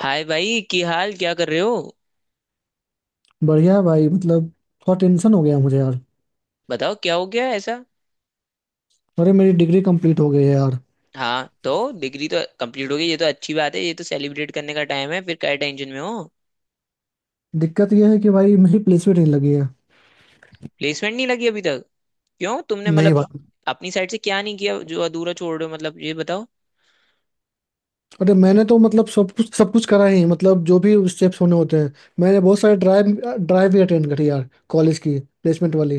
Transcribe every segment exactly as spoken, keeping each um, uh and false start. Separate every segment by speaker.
Speaker 1: हाय भाई की हाल क्या कर रहे हो?
Speaker 2: बढ़िया है भाई। मतलब थोड़ा टेंशन हो गया मुझे यार।
Speaker 1: बताओ क्या हो गया ऐसा।
Speaker 2: अरे मेरी डिग्री कंप्लीट हो गई है यार।
Speaker 1: हाँ तो डिग्री तो कंप्लीट हो गई, ये तो अच्छी बात है। ये तो सेलिब्रेट करने का टाइम है, फिर क्या टेंशन में हो?
Speaker 2: दिक्कत यह है कि भाई मेरी प्लेसमेंट नहीं लगी है।
Speaker 1: प्लेसमेंट नहीं लगी अभी तक? क्यों तुमने
Speaker 2: नहीं
Speaker 1: मतलब
Speaker 2: भाई।
Speaker 1: अपनी साइड से क्या नहीं किया जो अधूरा छोड़ रहे हो? मतलब ये बताओ।
Speaker 2: अरे मैंने तो मतलब सब कुछ सब कुछ करा ही, मतलब जो भी स्टेप्स होने होते हैं। मैंने बहुत सारे ड्राइव ड्राइव भी अटेंड करी यार, कॉलेज की प्लेसमेंट वाली।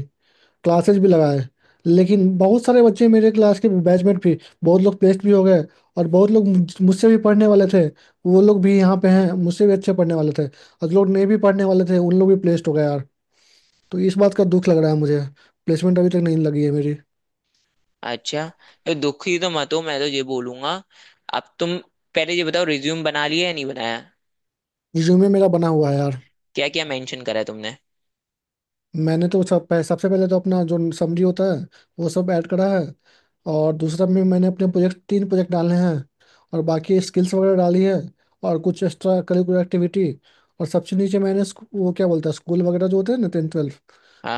Speaker 2: क्लासेस भी लगाए, लेकिन बहुत सारे बच्चे मेरे क्लास के बैचमेट भी, बहुत लोग प्लेस्ड भी हो गए। और बहुत लोग मुझ- मुझसे भी पढ़ने वाले थे। वो लोग भी यहाँ पे हैं, मुझसे भी अच्छे पढ़ने वाले थे, और जो लोग नहीं भी पढ़ने वाले थे उन लोग भी प्लेस्ड हो गए यार। तो इस बात का दुख लग रहा है मुझे। प्लेसमेंट अभी तक नहीं लगी है मेरी।
Speaker 1: अच्छा। तो दुखी तो मत हो, मैं तो ये बोलूंगा। अब तुम पहले ये बताओ, रिज्यूम बना लिया या नहीं बनाया?
Speaker 2: रिज्यूमे मेरा बना हुआ है यार।
Speaker 1: क्या क्या मेंशन करा है तुमने?
Speaker 2: मैंने तो सब पह, सबसे पहले तो अपना जो समरी होता है वो सब ऐड करा है। और दूसरा में मैंने अपने प्रोजेक्ट, तीन प्रोजेक्ट डाले हैं। और बाकी स्किल्स वगैरह डाली है। और कुछ एक्स्ट्रा करिकुलर एक्टिविटी। और सबसे नीचे मैंने स्कू- वो क्या बोलता है, स्कूल वगैरह जो होते हैं ना, टेंथ ट्वेल्थ,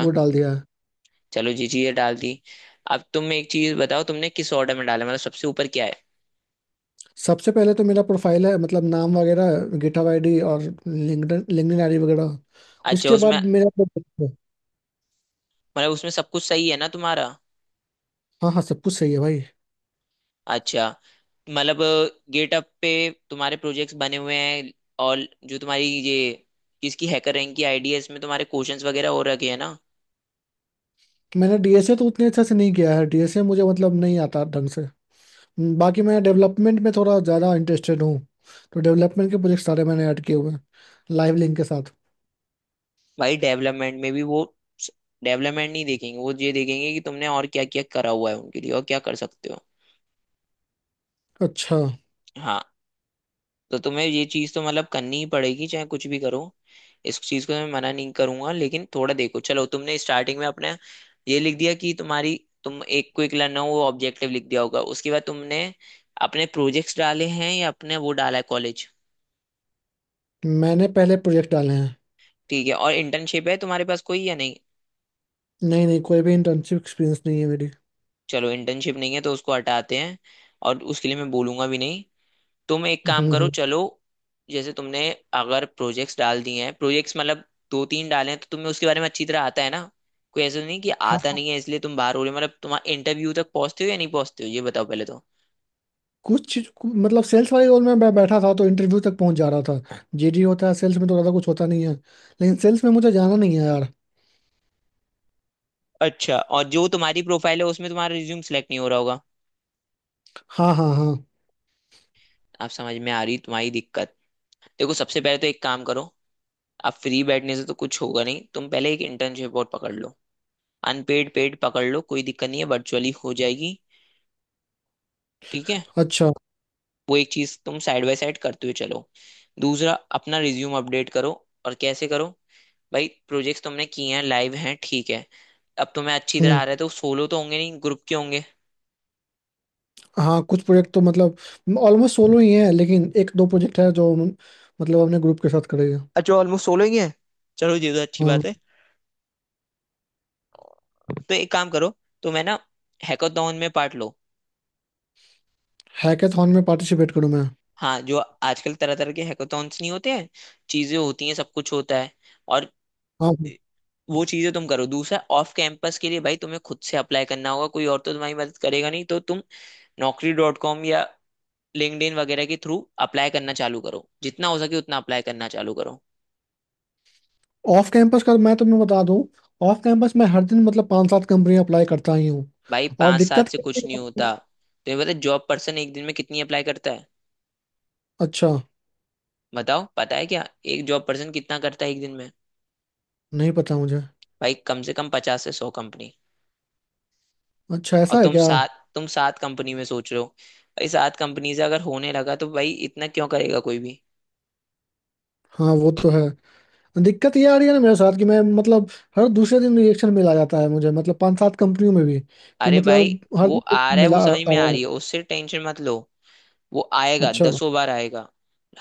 Speaker 2: वो डाल दिया है।
Speaker 1: चलो जी, चीजें डाल दी। अब तुम एक चीज बताओ, तुमने किस ऑर्डर में डाला? मतलब सबसे ऊपर क्या है?
Speaker 2: सबसे पहले तो मेरा प्रोफाइल है, मतलब नाम वगैरह, गिटहब आईडी और लिंक्डइन लिंक्डइन आईडी वगैरह।
Speaker 1: अच्छा
Speaker 2: उसके
Speaker 1: उसमें।
Speaker 2: बाद मेरा प्रोजेक्ट है।
Speaker 1: मतलब उसमें सब कुछ सही है ना तुम्हारा?
Speaker 2: हाँ हाँ, सब कुछ सही है भाई।
Speaker 1: अच्छा। मतलब गेटअप पे तुम्हारे प्रोजेक्ट्स बने हुए हैं। और जो तुम्हारी ये इसकी हैकर रैंक की आईडी है, इसमें तुम्हारे क्वेश्चंस वगैरह हो रखे हैं ना?
Speaker 2: मैंने डीएसए तो उतने अच्छे से नहीं किया है, डीएसए मुझे मतलब नहीं आता ढंग से। हम्म, बाकी मैं डेवलपमेंट में थोड़ा ज़्यादा इंटरेस्टेड हूँ। तो डेवलपमेंट के प्रोजेक्ट सारे मैंने ऐड किए हुए हैं, लाइव लिंक के साथ।
Speaker 1: भाई डेवलपमेंट में भी वो डेवलपमेंट नहीं देखेंगे, वो ये देखेंगे कि तुमने और क्या क्या करा हुआ है उनके लिए, और क्या कर सकते हो।
Speaker 2: अच्छा।
Speaker 1: हाँ। तो तुम्हें ये चीज तो मतलब करनी ही पड़ेगी, चाहे कुछ भी करो। इस चीज को मैं मना नहीं करूंगा, लेकिन थोड़ा देखो। चलो तुमने स्टार्टिंग में अपने ये लिख दिया कि तुम्हारी, तुम एक क्विक लर्नर हो, वो ऑब्जेक्टिव लिख दिया होगा, उसके बाद तुमने अपने प्रोजेक्ट्स डाले हैं या अपने वो डाला है कॉलेज?
Speaker 2: मैंने पहले प्रोजेक्ट डाले हैं।
Speaker 1: ठीक है। और इंटर्नशिप है तुम्हारे पास कोई या नहीं?
Speaker 2: नहीं नहीं, कोई भी इंटर्नशिप एक्सपीरियंस नहीं है मेरी।
Speaker 1: चलो इंटर्नशिप नहीं है तो उसको हटाते हैं, और उसके लिए मैं बोलूंगा भी नहीं। तुम एक काम
Speaker 2: हम्म
Speaker 1: करो,
Speaker 2: हम्म
Speaker 1: चलो। जैसे तुमने, अगर प्रोजेक्ट्स डाल दिए हैं, प्रोजेक्ट्स मतलब दो तीन डाले हैं, तो तुम्हें उसके बारे में अच्छी तरह आता है ना? कोई ऐसा नहीं कि आता
Speaker 2: हाँ
Speaker 1: नहीं है इसलिए तुम बाहर हो रहे हो? मतलब तुम्हारा इंटरव्यू तक पहुंचते हो या नहीं पहुंचते हो, ये बताओ पहले तो।
Speaker 2: कुछ चीज कु- मतलब सेल्स वाले रोल में मैं बैठा था तो इंटरव्यू तक पहुंच जा रहा था जीडी होता है सेल्स में तो ज़्यादा कुछ होता नहीं है लेकिन सेल्स में मुझे जाना नहीं है यार
Speaker 1: अच्छा। और जो तुम्हारी प्रोफाइल है, उसमें तुम्हारा रिज्यूम सेलेक्ट नहीं हो रहा होगा।
Speaker 2: हाँ हाँ हाँ
Speaker 1: आप समझ में आ रही तुम्हारी दिक्कत? देखो सबसे पहले तो एक काम करो। आप फ्री बैठने से तो कुछ होगा नहीं, तुम पहले एक इंटर्नशिप और पकड़ लो। अनपेड पेड पकड़ लो, कोई दिक्कत नहीं है, वर्चुअली हो जाएगी। ठीक है।
Speaker 2: अच्छा
Speaker 1: वो एक चीज तुम साइड बाय साइड करते हुए चलो। दूसरा, अपना रिज्यूम अपडेट करो। और कैसे करो? भाई प्रोजेक्ट्स तुमने किए हैं, लाइव हैं, ठीक है। अब तुम्हें अच्छी तरह
Speaker 2: हम्म।
Speaker 1: आ रहा है तो सोलो तो होंगे नहीं, ग्रुप के होंगे।
Speaker 2: हाँ, कुछ प्रोजेक्ट तो मतलब ऑलमोस्ट सोलो ही है, लेकिन एक दो प्रोजेक्ट है जो हम- मतलब अपने ग्रुप के साथ करेंगे।
Speaker 1: अच्छा ऑलमोस्ट सोलो ही है। चलो ये तो अच्छी
Speaker 2: हाँ।
Speaker 1: बात है। तो एक काम करो। तुम है ना, हैकाथॉन में पार्ट लो।
Speaker 2: हैकाथॉन में पार्टिसिपेट करूँ मैं?
Speaker 1: हाँ जो आजकल तरह तरह के हैकाथॉन्स नहीं होते हैं, चीजें होती हैं, सब कुछ होता है। और
Speaker 2: हाँ।
Speaker 1: वो चीजें तुम करो। दूसरा ऑफ कैंपस के लिए भाई तुम्हें खुद से अप्लाई करना होगा, कोई और तो तुम्हारी मदद करेगा नहीं। तो तुम नौकरी डॉट कॉम या लिंक्डइन वगैरह के थ्रू अप्लाई करना चालू करो, जितना हो सके उतना अप्लाई करना चालू करो।
Speaker 2: ऑफ कैंपस का मैं तुम्हें बता दूं। ऑफ कैंपस में हर दिन मतलब पांच सात कंपनी अप्लाई करता ही हूँ।
Speaker 1: भाई
Speaker 2: और
Speaker 1: पांच सात
Speaker 2: दिक्कत।
Speaker 1: से कुछ नहीं होता। तुम्हें पता जॉब पर्सन एक दिन में कितनी अप्लाई करता है?
Speaker 2: अच्छा।
Speaker 1: बताओ पता है क्या? एक जॉब पर्सन कितना करता है एक दिन में?
Speaker 2: नहीं पता मुझे।
Speaker 1: भाई कम से कम पचास से सौ कंपनी।
Speaker 2: अच्छा
Speaker 1: और
Speaker 2: ऐसा है
Speaker 1: तुम
Speaker 2: क्या?
Speaker 1: सात, तुम सात कंपनी में सोच रहे हो? भाई सात कंपनी से अगर होने लगा तो भाई इतना क्यों करेगा कोई भी?
Speaker 2: हाँ, वो तो है। दिक्कत ये आ रही है ना मेरे साथ कि मैं मतलब, हर दूसरे दिन रिएक्शन मिला जाता है मुझे, मतलब पांच सात कंपनियों में भी। क्यों
Speaker 1: अरे
Speaker 2: मतलब,
Speaker 1: भाई।
Speaker 2: हर
Speaker 1: वो
Speaker 2: दिन
Speaker 1: आ
Speaker 2: रिजेक्शन
Speaker 1: रहा है,
Speaker 2: मिला
Speaker 1: वो
Speaker 2: आ- आ
Speaker 1: समझ में
Speaker 2: रहा
Speaker 1: आ
Speaker 2: है।
Speaker 1: रही है, उससे टेंशन मत लो। वो आएगा,
Speaker 2: अच्छा
Speaker 1: दसों बार आएगा।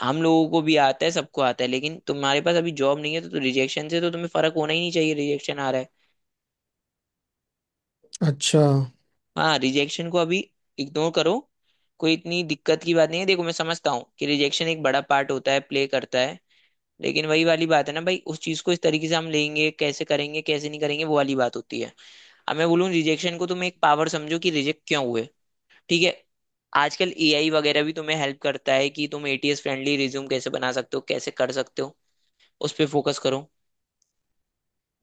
Speaker 1: हम लोगों को भी आता है, सबको आता है, लेकिन तुम्हारे पास अभी जॉब नहीं है, तो, तो रिजेक्शन से तो तुम्हें फर्क होना ही नहीं चाहिए, रिजेक्शन आ रहा है।
Speaker 2: अच्छा।
Speaker 1: हाँ। रिजेक्शन को अभी इग्नोर करो। कोई इतनी दिक्कत की बात नहीं है। देखो मैं समझता हूँ कि रिजेक्शन एक बड़ा पार्ट होता है, प्ले करता है। लेकिन वही वाली बात है ना भाई, उस चीज को इस तरीके से हम लेंगे, कैसे करेंगे कैसे नहीं करेंगे, वो वाली बात होती है। अब मैं बोलूँ रिजेक्शन को तुम एक पावर समझो कि रिजेक्ट क्यों हुए। ठीक है। आजकल एआई वगैरह भी तुम्हें हेल्प करता है कि तुम एटीएस फ्रेंडली रिज्यूम कैसे बना सकते हो, कैसे कर सकते हो। उस पर फोकस करो।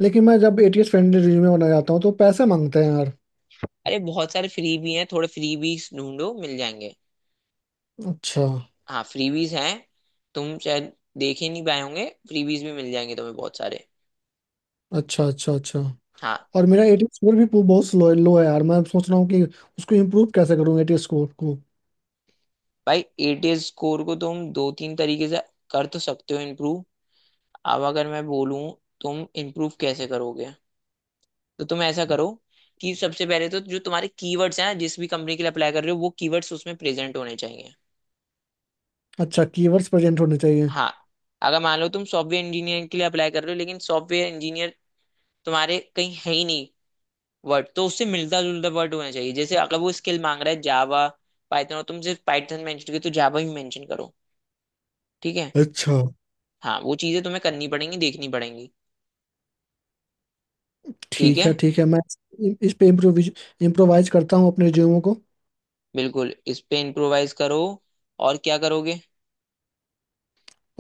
Speaker 2: लेकिन मैं जब एटीएस फ्रेंडली रिज्यूमे बनाना चाहता हूँ तो पैसे मांगते हैं यार।
Speaker 1: अरे बहुत सारे फ्री भी हैं, थोड़े फ्री ढूंढो मिल जाएंगे।
Speaker 2: अच्छा
Speaker 1: हाँ फ्रीबीज हैं, तुम शायद देख ही नहीं पाए होंगे, फ्रीबीज भी मिल जाएंगे तुम्हें बहुत सारे।
Speaker 2: अच्छा अच्छा। अच्छा,
Speaker 1: हाँ।
Speaker 2: और मेरा एटीएस स्कोर भी पू- बहुत स्लो लो है यार। मैं सोच रहा हूँ कि उसको इम्प्रूव कैसे करूँ, एटीएस स्कोर को।
Speaker 1: भाई एटीएस स्कोर को तुम दो तीन तरीके से कर तो सकते हो इम्प्रूव। अब अगर मैं बोलूँ तुम इम्प्रूव कैसे करोगे, तो तुम ऐसा करो कि सबसे पहले तो जो तुम्हारे कीवर्ड्स हैं, जिस भी कंपनी के लिए अप्लाई कर रहे हो वो कीवर्ड्स उसमें प्रेजेंट होने चाहिए।
Speaker 2: अच्छा, कीवर्ड्स प्रेजेंट होने चाहिए।
Speaker 1: हाँ। अगर मान लो तुम सॉफ्टवेयर इंजीनियर के लिए अप्लाई कर रहे हो लेकिन सॉफ्टवेयर इंजीनियर तुम्हारे कहीं है ही नहीं, वर्ड तो उससे मिलता जुलता वर्ड होना चाहिए। जैसे अगर वो स्किल मांग रहा है जावा पाइथन और तुम सिर्फ पाइथन मेंशन किया, तो जावा भी मेंशन करो। ठीक है।
Speaker 2: अच्छा।
Speaker 1: हाँ वो चीजें तुम्हें करनी पड़ेंगी, देखनी पड़ेंगी। ठीक
Speaker 2: ठीक
Speaker 1: है।
Speaker 2: है ठीक है, मैं इ- इस पे इम्प्रोविज इम्प्रोवाइज करता हूँ अपने रिज्यूमो को।
Speaker 1: बिल्कुल इस पे इम्प्रोवाइज करो। और क्या करोगे?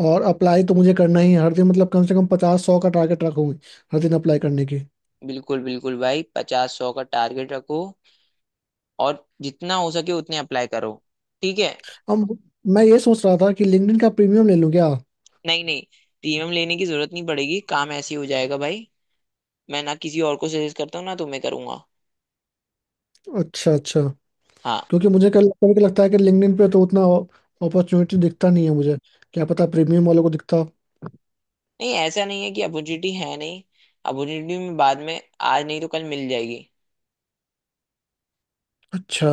Speaker 2: और अप्लाई तो मुझे करना ही है हर दिन, मतलब कम से कम पचास सौ का टारगेट रखूंगी, हर दिन अप्लाई करने की।
Speaker 1: बिल्कुल बिल्कुल भाई, पचास सौ का टारगेट रखो। और जितना हो सके उतने अप्लाई करो। ठीक है।
Speaker 2: अब मैं ये सोच रहा था कि लिंक्डइन का प्रीमियम ले लूँ क्या?
Speaker 1: नहीं नहीं, प्रीमियम लेने की जरूरत नहीं पड़ेगी, काम ऐसे ही हो जाएगा भाई। मैं ना किसी और को सजेस्ट करता हूँ ना तुम्हें करूंगा।
Speaker 2: अच्छा अच्छा।
Speaker 1: हाँ।
Speaker 2: क्योंकि मुझे कल कभी कभी लगता है कि लिंक्डइन पे तो उतना अपॉर्चुनिटी दिखता नहीं है मुझे। क्या पता प्रीमियम वालों को दिखता हो।
Speaker 1: नहीं ऐसा नहीं है कि अपॉर्चुनिटी है नहीं। अपॉर्चुनिटी में बाद में, आज नहीं तो कल मिल जाएगी।
Speaker 2: अच्छा।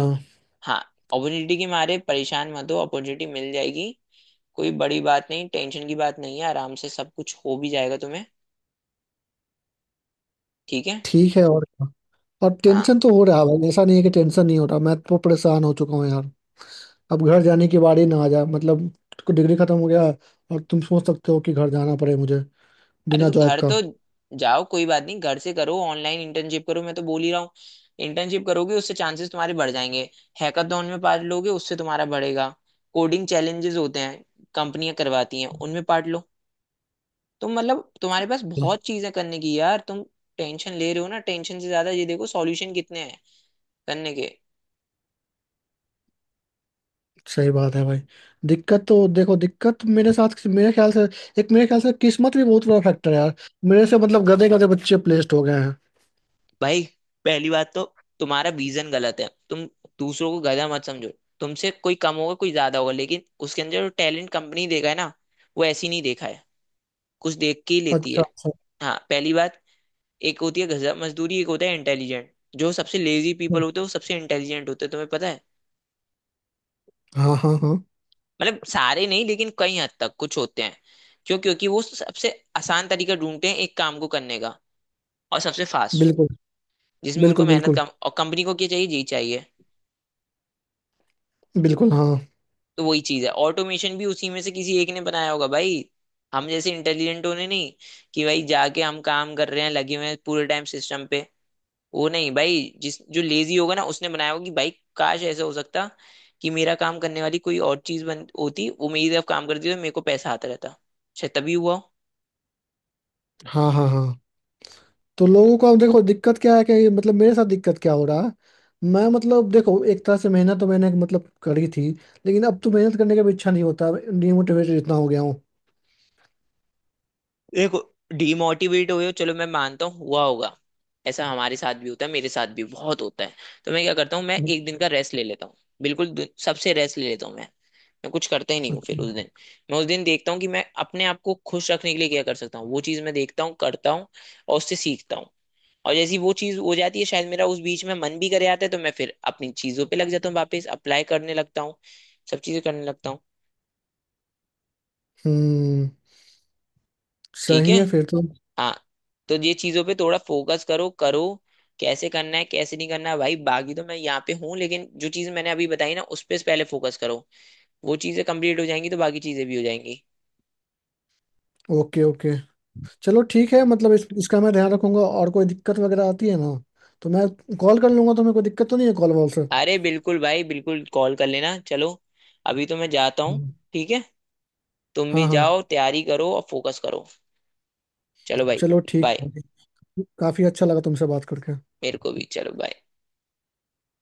Speaker 1: हाँ। अपॉर्चुनिटी के मारे परेशान मत हो, अपॉर्चुनिटी मिल जाएगी। कोई बड़ी बात नहीं, टेंशन की बात नहीं है, आराम से सब कुछ हो भी जाएगा तुम्हें। ठीक है।
Speaker 2: ठीक है, और क्या? और टेंशन
Speaker 1: हाँ।
Speaker 2: तो हो रहा है भाई, ऐसा नहीं है कि टेंशन नहीं हो रहा। मैं तो परेशान हो चुका हूँ यार। अब घर जाने की बारी ना आ जाए मतलब, डिग्री खत्म हो गया, और तुम सोच सकते हो कि घर जाना पड़े मुझे
Speaker 1: अरे
Speaker 2: बिना
Speaker 1: तो
Speaker 2: जॉब
Speaker 1: घर
Speaker 2: का।
Speaker 1: तो जाओ, कोई बात नहीं, घर से करो, ऑनलाइन इंटर्नशिप करो, मैं तो बोल ही रहा हूँ। इंटर्नशिप करोगे उससे चांसेस तुम्हारे बढ़ जाएंगे। हैकाथॉन में पार्ट लोगे उससे तुम्हारा बढ़ेगा। कोडिंग चैलेंजेस होते हैं, कंपनियां करवाती हैं, उनमें पार्ट लो। तुम मतलब तुम्हारे पास बहुत चीजें करने की यार। तुम टेंशन ले रहे हो ना? टेंशन से ज्यादा ये देखो सॉल्यूशन कितने हैं करने के।
Speaker 2: सही बात है भाई। दिक्कत तो देखो, दिक्कत मेरे साथ मेरे ख्याल से, एक मेरे ख्याल से किस्मत भी बहुत बड़ा फैक्टर है यार। मेरे से मतलब गधे गधे बच्चे प्लेस्ड हो गए हैं।
Speaker 1: भाई पहली बात तो तुम्हारा विजन गलत है। तुम दूसरों को गधा मत समझो। तुमसे कोई कम होगा कोई ज्यादा होगा, लेकिन उसके अंदर जो टैलेंट कंपनी देखा है ना, वो ऐसी नहीं देखा है, कुछ देख के ही लेती
Speaker 2: अच्छा
Speaker 1: है।
Speaker 2: अच्छा।
Speaker 1: हाँ पहली बात, एक होती है गधा मजदूरी, एक होता है इंटेलिजेंट। जो सबसे लेजी पीपल होते हैं वो सबसे इंटेलिजेंट होते हैं, तुम्हें पता है?
Speaker 2: हाँ हाँ हाँ।
Speaker 1: मतलब सारे नहीं, लेकिन कई हद तक कुछ होते हैं। क्यों? क्योंकि वो सबसे आसान तरीका ढूंढते हैं एक काम को करने का, और सबसे फास्ट,
Speaker 2: बिल्कुल।
Speaker 1: जिसमें उनको
Speaker 2: बिल्कुल
Speaker 1: मेहनत
Speaker 2: बिल्कुल।
Speaker 1: कम, और कंपनी को क्या चाहिए, यही चाहिए।
Speaker 2: बिल्कुल हाँ।
Speaker 1: तो वही चीज है, ऑटोमेशन भी उसी में से किसी एक ने बनाया होगा भाई। हम जैसे इंटेलिजेंट होने नहीं कि भाई जाके हम काम कर रहे हैं, लगे हुए हैं पूरे टाइम सिस्टम पे, वो नहीं भाई। जिस जो लेजी होगा ना उसने बनाया होगा कि भाई काश ऐसा हो सकता कि मेरा काम करने वाली कोई और चीज बन होती, वो मेरी तरफ काम करती तो मेरे को पैसा आता रहता। शायद तभी हुआ हो।
Speaker 2: हाँ हाँ हाँ। तो लोगों को, अब देखो दिक्कत क्या है कि मतलब मेरे साथ दिक्कत क्या हो रहा है। मैं मतलब देखो, एक तरह से मेहनत तो मैंने मतलब करी थी, लेकिन अब तो मेहनत करने का भी इच्छा नहीं होता। डिमोटिवेटेड इतना हो गया हूँ।
Speaker 1: देखो, डिमोटिवेट हुए हो चलो मैं मानता हूँ हुआ होगा। ऐसा हमारे साथ भी होता है, मेरे साथ भी बहुत होता है। तो मैं क्या करता हूँ, मैं एक दिन का रेस्ट ले लेता हूँ। बिल्कुल दु- सबसे रेस्ट ले लेता हूँ मैं। मैं कुछ करता ही नहीं हूँ फिर
Speaker 2: अच्छा।
Speaker 1: उस दिन। मैं उस दिन देखता हूँ कि मैं अपने आप को खुश रखने के लिए क्या कर सकता हूँ, वो चीज़ मैं देखता हूँ करता हूँ। और उससे सीखता हूँ। और जैसी वो चीज़ हो जाती है, शायद मेरा उस बीच में मन भी करे आता है, तो मैं फिर अपनी चीज़ों पे लग जाता हूँ, वापस अप्लाई करने लगता हूँ, सब चीज़ें करने लगता हूँ।
Speaker 2: हम्म।
Speaker 1: ठीक है।
Speaker 2: सही है फिर तो।
Speaker 1: हाँ। तो ये चीजों पे थोड़ा फोकस करो करो। कैसे करना है कैसे नहीं करना है भाई, बाकी तो मैं यहाँ पे हूँ, लेकिन जो चीज मैंने अभी बताई ना उस पे पहले फोकस करो। वो चीजें कंप्लीट हो जाएंगी तो बाकी चीजें भी हो जाएंगी।
Speaker 2: Okay okay. चलो
Speaker 1: हम्म।
Speaker 2: ठीक है, मतलब इस, इसका मैं ध्यान रखूंगा, और कोई दिक्कत वगैरह आती है ना, तो मैं कॉल कर लूंगा तुम्हें। कोई दिक्कत तो नहीं है कॉल वॉल से?
Speaker 1: अरे बिल्कुल भाई, बिल्कुल कॉल कर लेना। चलो अभी तो मैं जाता हूँ।
Speaker 2: हम्म।
Speaker 1: ठीक है। तुम भी
Speaker 2: हाँ हाँ।
Speaker 1: जाओ, तैयारी करो और फोकस करो। चलो भाई।
Speaker 2: चलो ठीक
Speaker 1: बाय।
Speaker 2: है। काफी अच्छा लगा तुमसे बात करके।
Speaker 1: मेरे को भी, चलो bye।